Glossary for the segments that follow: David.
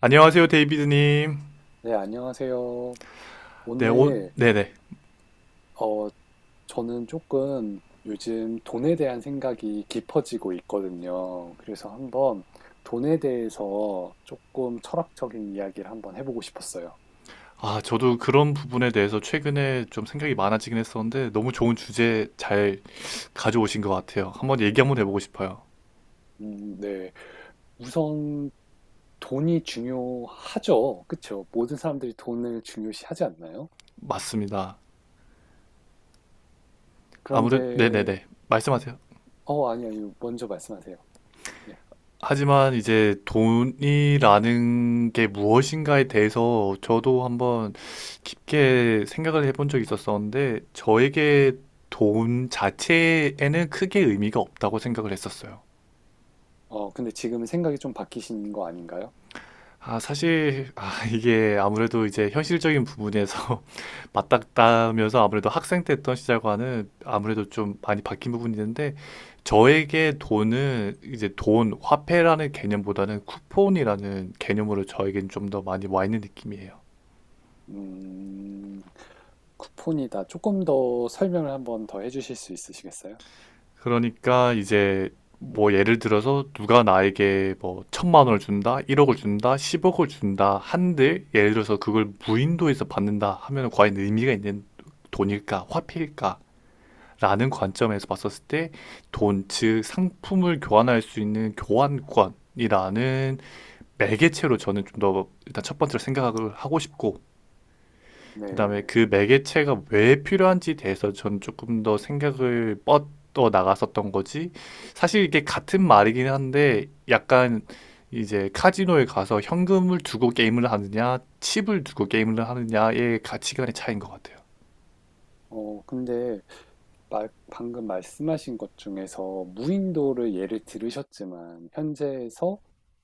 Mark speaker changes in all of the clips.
Speaker 1: 안녕하세요, 데이비드님.
Speaker 2: 네, 안녕하세요.
Speaker 1: 네, 오,
Speaker 2: 오늘,
Speaker 1: 네네.
Speaker 2: 어, 저는 조금 요즘 돈에 대한 생각이 깊어지고 있거든요. 그래서 한번 돈에 대해서 조금 철학적인 이야기를 한번 해보고 싶었어요.
Speaker 1: 아, 저도 그런 부분에 대해서 최근에 좀 생각이 많아지긴 했었는데, 너무 좋은 주제 잘 가져오신 것 같아요. 한번 얘기 한번 해보고 싶어요.
Speaker 2: 네. 우선 돈이 중요하죠. 그쵸? 모든 사람들이 돈을 중요시하지 않나요?
Speaker 1: 맞습니다.
Speaker 2: 그런데,
Speaker 1: 아무래도, 네네네. 말씀하세요.
Speaker 2: 아니, 아니, 먼저 말씀하세요. 네.
Speaker 1: 하지만 이제 돈이라는 게 무엇인가에 대해서 저도 한번 깊게 생각을 해본 적이 있었었는데, 저에게 돈 자체에는 크게 의미가 없다고 생각을 했었어요.
Speaker 2: 근데 지금 생각이 좀 바뀌신 거 아닌가요?
Speaker 1: 아, 사실, 아, 이게 아무래도 이제 현실적인 부분에서 맞닥다면서 아무래도 학생 때 했던 시절과는 아무래도 좀 많이 바뀐 부분이 있는데, 저에게 돈은 이제 돈, 화폐라는 개념보다는 쿠폰이라는 개념으로 저에겐 좀 더 많이 와 있는 느낌이에요.
Speaker 2: 음, 쿠폰이다. 조금 더 설명을 한번 더 해주실 수 있으시겠어요?
Speaker 1: 그러니까 이제 뭐 예를 들어서 누가 나에게 뭐 1,000만 원을 준다, 1억을 준다, 10억을 준다 한들 예를 들어서 그걸 무인도에서 받는다 하면 과연 의미가 있는 돈일까, 화폐일까? 라는 관점에서 봤었을 때 돈, 즉 상품을 교환할 수 있는 교환권이라는 매개체로 저는 좀 더 일단 첫 번째로 생각을 하고 싶고, 그다음에
Speaker 2: 네.
Speaker 1: 그 매개체가 왜 필요한지에 대해서 저는 조금 더 생각을 뻗어 나갔었던 거지. 사실 이게 같은 말이긴 한데 약간 이제 카지노에 가서 현금을 두고 게임을 하느냐 칩을 두고 게임을 하느냐의 가치관의 차이인 것 같아요.
Speaker 2: 근데 방금 말씀하신 것 중에서 무인도를 예를 들으셨지만 현재에서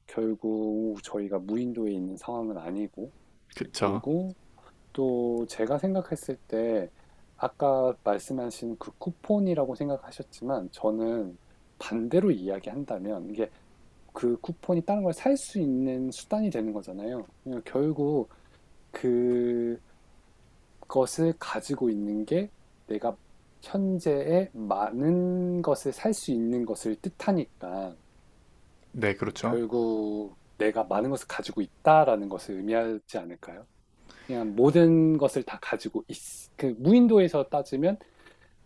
Speaker 2: 결국 저희가 무인도에 있는 상황은 아니고
Speaker 1: 그쵸?
Speaker 2: 그리고 또 제가 생각했을 때 아까 말씀하신 그 쿠폰이라고 생각하셨지만 저는 반대로 이야기한다면 이게 그 쿠폰이 다른 걸 살 수 있는 수단이 되는 거잖아요. 그러니까 결국 그것을 가지고 있는 게 내가 현재의 많은 것을 살 수 있는 것을 뜻하니까
Speaker 1: 네, 그렇죠.
Speaker 2: 결국 내가 많은 것을 가지고 있다라는 것을 의미하지 않을까요? 그냥 모든 것을 다 가지고 있, 그 무인도에서 따지면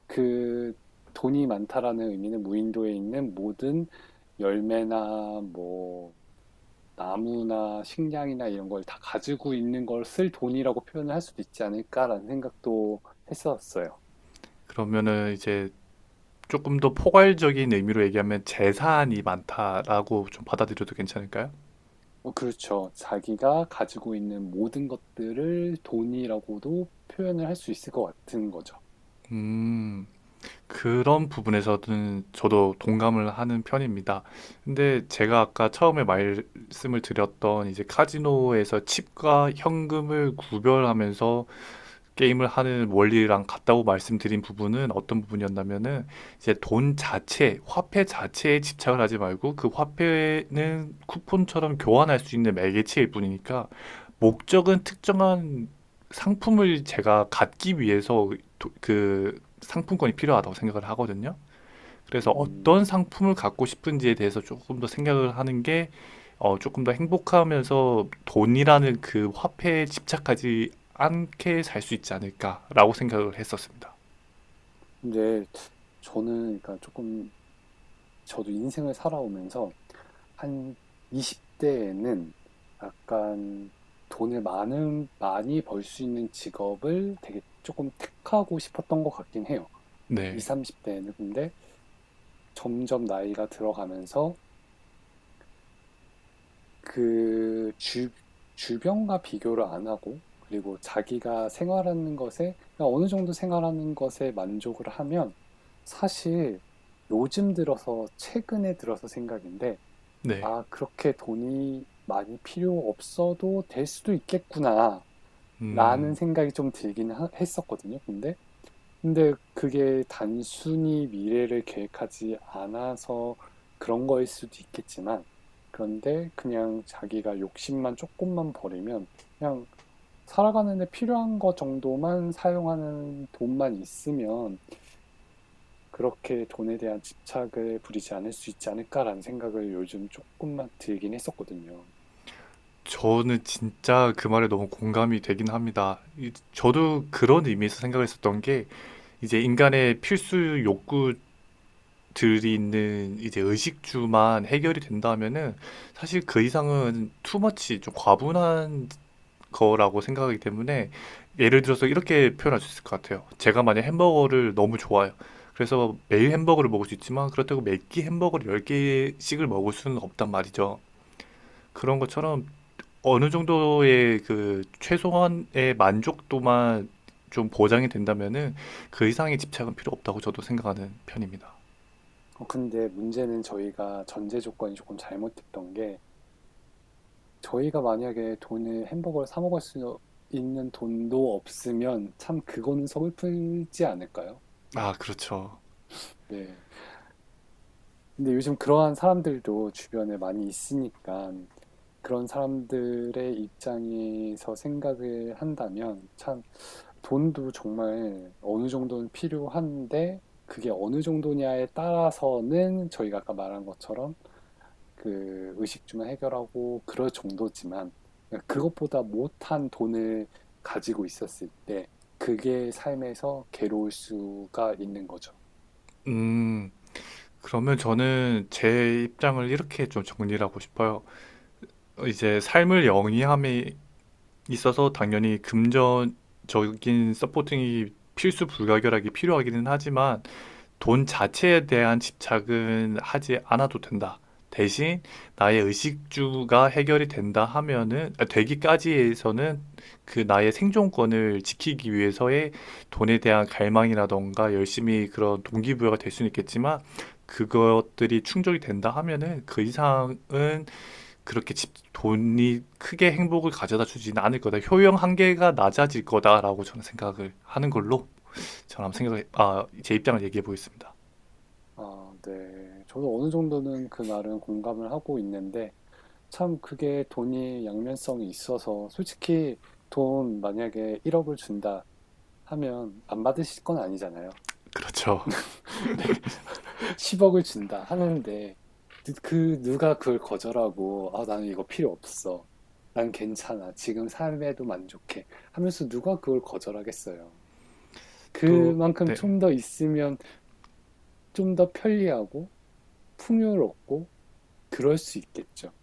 Speaker 2: 그 돈이 많다라는 의미는 무인도에 있는 모든 열매나 뭐 나무나 식량이나 이런 걸 다 가지고 있는 걸 쓸 돈이라고 표현을 할 수도 있지 않을까라는 생각도 했었어요.
Speaker 1: 그러면은 이제 조금 더 포괄적인 의미로 얘기하면 재산이 많다라고 좀 받아들여도 괜찮을까요?
Speaker 2: 그렇죠. 자기가 가지고 있는 모든 것들을 돈이라고도 표현을 할 수 있을 것 같은 거죠.
Speaker 1: 음, 그런 부분에서는 저도 동감을 하는 편입니다. 근데 제가 아까 처음에 말씀을 드렸던 이제 카지노에서 칩과 현금을 구별하면서 게임을 하는 원리랑 같다고 말씀드린 부분은 어떤 부분이었냐면은 이제 돈 자체, 화폐 자체에 집착을 하지 말고 그 화폐는 쿠폰처럼 교환할 수 있는 매개체일 뿐이니까 목적은 특정한 상품을 제가 갖기 위해서 그 상품권이 필요하다고 생각을 하거든요. 그래서
Speaker 2: 음,
Speaker 1: 어떤 상품을 갖고 싶은지에 대해서 조금 더 생각을 하는 게 어, 조금 더 행복하면서 돈이라는 그 화폐에 집착하지 않게 살 수 있지 않을까라고 생각을 했었습니다.
Speaker 2: 근데 저는 그러니까 조금 저도 인생을 살아오면서 한 20대에는 약간 돈을 많이 벌 수 있는 직업을 되게 조금 택하고 싶었던 것 같긴 해요.
Speaker 1: 네,
Speaker 2: 20, 30대에는 근데 점점 나이가 들어가면서 그 주변과 비교를 안 하고 그리고 자기가 생활하는 것에 그러니까 어느 정도 생활하는 것에 만족을 하면 사실 요즘 들어서 최근에 들어서 생각인데
Speaker 1: 네.
Speaker 2: 아, 그렇게 돈이 많이 필요 없어도 될 수도 있겠구나 라는
Speaker 1: 음,
Speaker 2: 생각이 좀 들긴 했었거든요. 근데 그게 단순히 미래를 계획하지 않아서 그런 거일 수도 있겠지만, 그런데 그냥 자기가 욕심만 조금만 버리면, 그냥 살아가는 데 필요한 거 정도만 사용하는 돈만 있으면, 그렇게 돈에 대한 집착을 부리지 않을 수 있지 않을까라는 생각을 요즘 조금만 들긴 했었거든요.
Speaker 1: 저는 진짜 그 말에 너무 공감이 되긴 합니다. 저도 그런 의미에서 생각을 했었던 게 이제 인간의 필수 욕구들이 있는 이제 의식주만 해결이 된다면은 사실 그 이상은 투머치, 좀 과분한 거라고 생각하기 때문에 예를 들어서 이렇게 표현할 수 있을 것 같아요. 제가 만약 햄버거를 너무 좋아해요. 그래서 매일 햄버거를 먹을 수 있지만 그렇다고 매끼 햄버거를 10개씩을 먹을 수는 없단 말이죠. 그런 것처럼 어느 정도의 그 최소한의 만족도만 좀 보장이 된다면은 그 이상의 집착은 필요 없다고 저도 생각하는 편입니다.
Speaker 2: 근데 문제는 저희가 전제 조건이 조금 잘못됐던 게, 저희가 만약에 돈을 햄버거를 사 먹을 수 있는 돈도 없으면 참 그거는 서글프지 않을까요?
Speaker 1: 아, 그렇죠.
Speaker 2: 네. 근데 요즘 그러한 사람들도 주변에 많이 있으니까 그런 사람들의 입장에서 생각을 한다면 참 돈도 정말 어느 정도는 필요한데 그게 어느 정도냐에 따라서는 저희가 아까 말한 것처럼 그 의식주만 해결하고 그럴 정도지만 그것보다 못한 돈을 가지고 있었을 때 그게 삶에서 괴로울 수가 있는 거죠.
Speaker 1: 음, 그러면 저는 제 입장을 이렇게 좀 정리를 하고 싶어요. 이제 삶을 영위함이 있어서 당연히 금전적인 서포팅이 필수 불가결하게 필요하기는 하지만 돈 자체에 대한 집착은 하지 않아도 된다. 대신 나의 의식주가 해결이 된다 하면은 아, 되기까지에서는 그 나의 생존권을 지키기 위해서의 돈에 대한 갈망이라던가 열심히 그런 동기부여가 될 수는 있겠지만 그것들이 충족이 된다 하면은 그 이상은 그렇게 집, 돈이 크게 행복을 가져다 주진 않을 거다. 효용 한계가 낮아질 거다라고 저는 생각을 하는 걸로, 저는 한번 생각을, 아, 제 입장을 얘기해 보겠습니다.
Speaker 2: 아, 네. 저도 어느 정도는 그 말은 공감을 하고 있는데 참 그게 돈이 양면성이 있어서 솔직히 돈 만약에 1억을 준다 하면 안 받으실 건 아니잖아요.
Speaker 1: 그렇죠.
Speaker 2: 10억을 준다 하는데 그 누가 그걸 거절하고 아, 나는 이거 필요 없어. 난 괜찮아. 지금 삶에도 만족해. 하면서 누가 그걸 거절하겠어요.
Speaker 1: 또
Speaker 2: 그만큼
Speaker 1: 네.
Speaker 2: 좀 더 있으면 좀 더 편리하고 풍요롭고 그럴 수 있겠죠.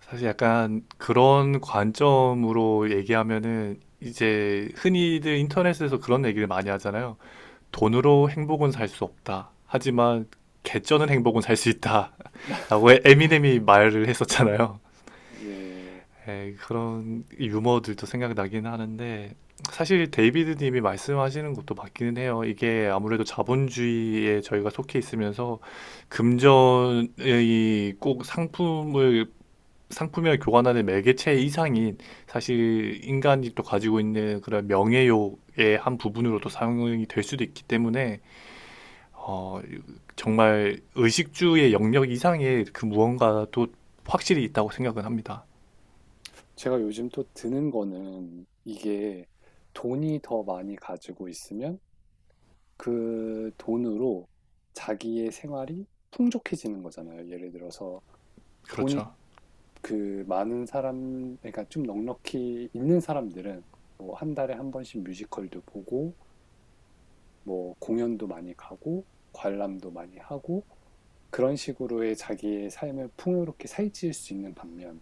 Speaker 1: 사실 약간 그런 관점으로 얘기하면은 이제 흔히들 인터넷에서 그런 얘기를 많이 하잖아요. 돈으로 행복은 살 수 없다. 하지만 개쩌는 행복은 살 수 있다. 라고 에미넴이 말을 했었잖아요.
Speaker 2: 네.
Speaker 1: 그런 유머들도 생각나긴 하는데 사실 데이비드 님이 말씀하시는 것도 맞기는 해요. 이게 아무래도 자본주의에 저희가 속해 있으면서 금전의 꼭 상품을 상품이 교환하는 매개체 이상인, 사실 인간이 또 가지고 있는 그런 명예욕의 한 부분으로도 사용이 될 수도 있기 때문에 어, 정말 의식주의 영역 이상의 그 무언가도 확실히 있다고 생각은 합니다.
Speaker 2: 제가 요즘 또 드는 거는 이게 돈이 더 많이 가지고 있으면 그 돈으로 자기의 생활이 풍족해지는 거잖아요. 예를 들어서 돈이
Speaker 1: 그렇죠.
Speaker 2: 그 그러니까 좀 넉넉히 있는 사람들은 뭐 한 달에 한 번씩 뮤지컬도 보고, 뭐 공연도 많이 가고, 관람도 많이 하고, 그런 식으로의 자기의 삶을 풍요롭게 살찌울 수 있는 반면,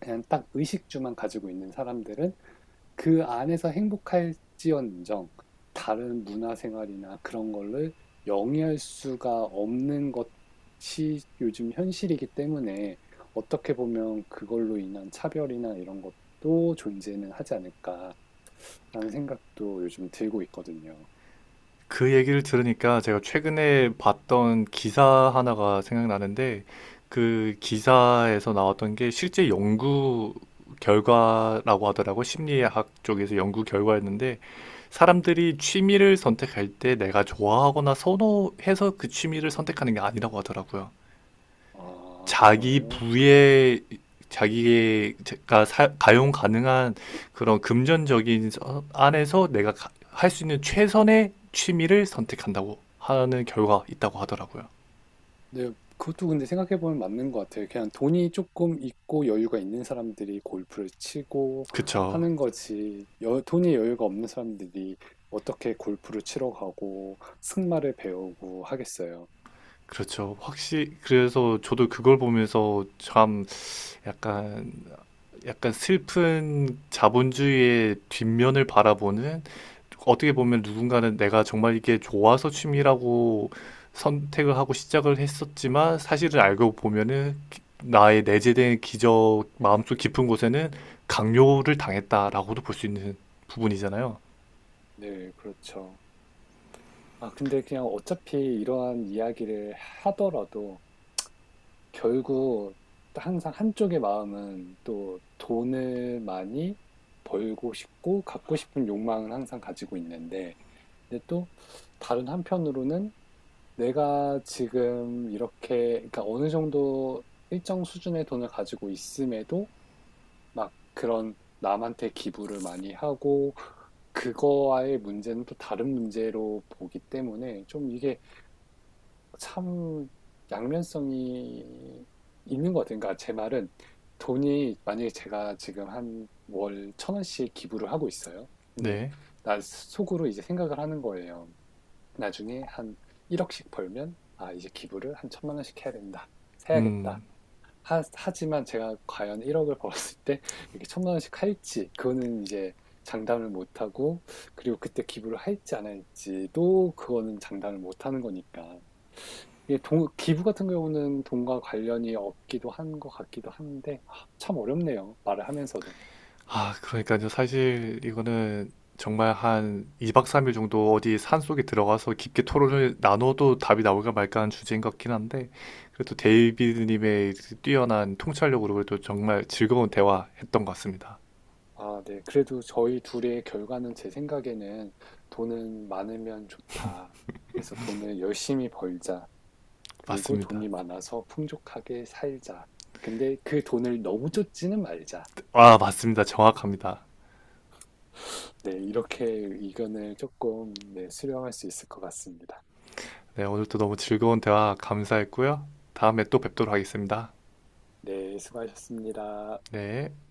Speaker 2: 그냥 딱 의식주만 가지고 있는 사람들은 그 안에서 행복할지언정 다른 문화생활이나 그런 거를 영위할 수가 없는 것이 요즘 현실이기 때문에 어떻게 보면 그걸로 인한 차별이나 이런 것도 존재는 하지 않을까라는 생각도 요즘 들고 있거든요.
Speaker 1: 그 얘기를 들으니까 제가 최근에 봤던 기사 하나가 생각나는데 그 기사에서 나왔던 게 실제 연구 결과라고 하더라고, 심리학 쪽에서 연구 결과였는데 사람들이 취미를 선택할 때 내가 좋아하거나 선호해서 그 취미를 선택하는 게 아니라고 하더라고요.
Speaker 2: 아,
Speaker 1: 자기
Speaker 2: 그래요? 네.
Speaker 1: 부에, 자기가 가용 가능한 그런 금전적인 안에서 내가 할 수 있는 최선의 취미를 선택한다고 하는 결과가 있다고 하더라고요.
Speaker 2: 네. 그것도 근데 생각해 보면 맞는 것 같아요. 그냥 돈이 조금 있고 여유가 있는 사람들이 골프를 치고
Speaker 1: 그쵸.
Speaker 2: 하는 거지 여 돈이 여유가 없는 사람들이 어떻게 골프를 치러 가고 승마를 배우고 하겠어요.
Speaker 1: 그렇죠. 확실히, 그래서 저도 그걸 보면서 참 약간 약간 슬픈 자본주의의 뒷면을 바라보는, 어떻게 보면 누군가는 내가 정말 이게 좋아서 취미라고 선택을 하고 시작을 했었지만 사실을 알고 보면은 나의 내재된 기저 마음속 깊은 곳에는 강요를 당했다라고도 볼 수 있는 부분이잖아요.
Speaker 2: 네, 그렇죠. 아, 근데 그냥 어차피 이러한 이야기를 하더라도 결국 항상 한쪽의 마음은 또 돈을 많이 벌고 싶고 갖고 싶은 욕망을 항상 가지고 있는데 근데 또 다른 한편으로는 내가 지금 이렇게, 그러니까 어느 정도 일정 수준의 돈을 가지고 있음에도 막 그런 남한테 기부를 많이 하고 그거와의 문제는 또 다른 문제로 보기 때문에 좀 이게 참 양면성이 있는 것 같아요. 그러니까 제 말은 돈이 만약에 제가 지금 한 월 1,000원씩 기부를 하고 있어요. 근데
Speaker 1: 네.
Speaker 2: 나 속으로 이제 생각을 하는 거예요. 나중에 한 1억씩 벌면 아 이제 기부를 한 1,000만 원씩 해야 된다
Speaker 1: 음.
Speaker 2: 해야겠다 하, 지만 제가 과연 1억을 벌었을 때 이렇게 천만 원씩 할지 그거는 이제 장담을 못하고 그리고 그때 기부를 할지 안 할지도 그거는 장담을 못하는 거니까 이게 동 기부 같은 경우는 돈과 관련이 없기도 한 것 같기도 한데 아, 참 어렵네요 말을 하면서도.
Speaker 1: 아, 그러니까요. 사실 이거는 정말 한 2박 3일 정도 어디 산속에 들어가서 깊게 토론을 나눠도 답이 나올까 말까 한 주제인 것 같긴 한데, 그래도
Speaker 2: 네.
Speaker 1: 데이비드님의 뛰어난 통찰력으로 그래도 정말 즐거운 대화했던 것 같습니다.
Speaker 2: 아, 네. 그래도 저희 둘의 결과는 제 생각에는 돈은 많으면 좋다. 그래서 돈을 열심히 벌자. 그리고
Speaker 1: 맞습니다.
Speaker 2: 돈이 많아서 풍족하게 살자. 근데 그 돈을 너무 쫓지는 말자.
Speaker 1: 아, 맞습니다. 정확합니다.
Speaker 2: 네, 이렇게 의견을 조금 네, 수렴할 수 있을 것 같습니다.
Speaker 1: 네, 오늘도 너무 즐거운 대화 감사했고요. 다음에 또 뵙도록 하겠습니다.
Speaker 2: 네, 수고하셨습니다.
Speaker 1: 네.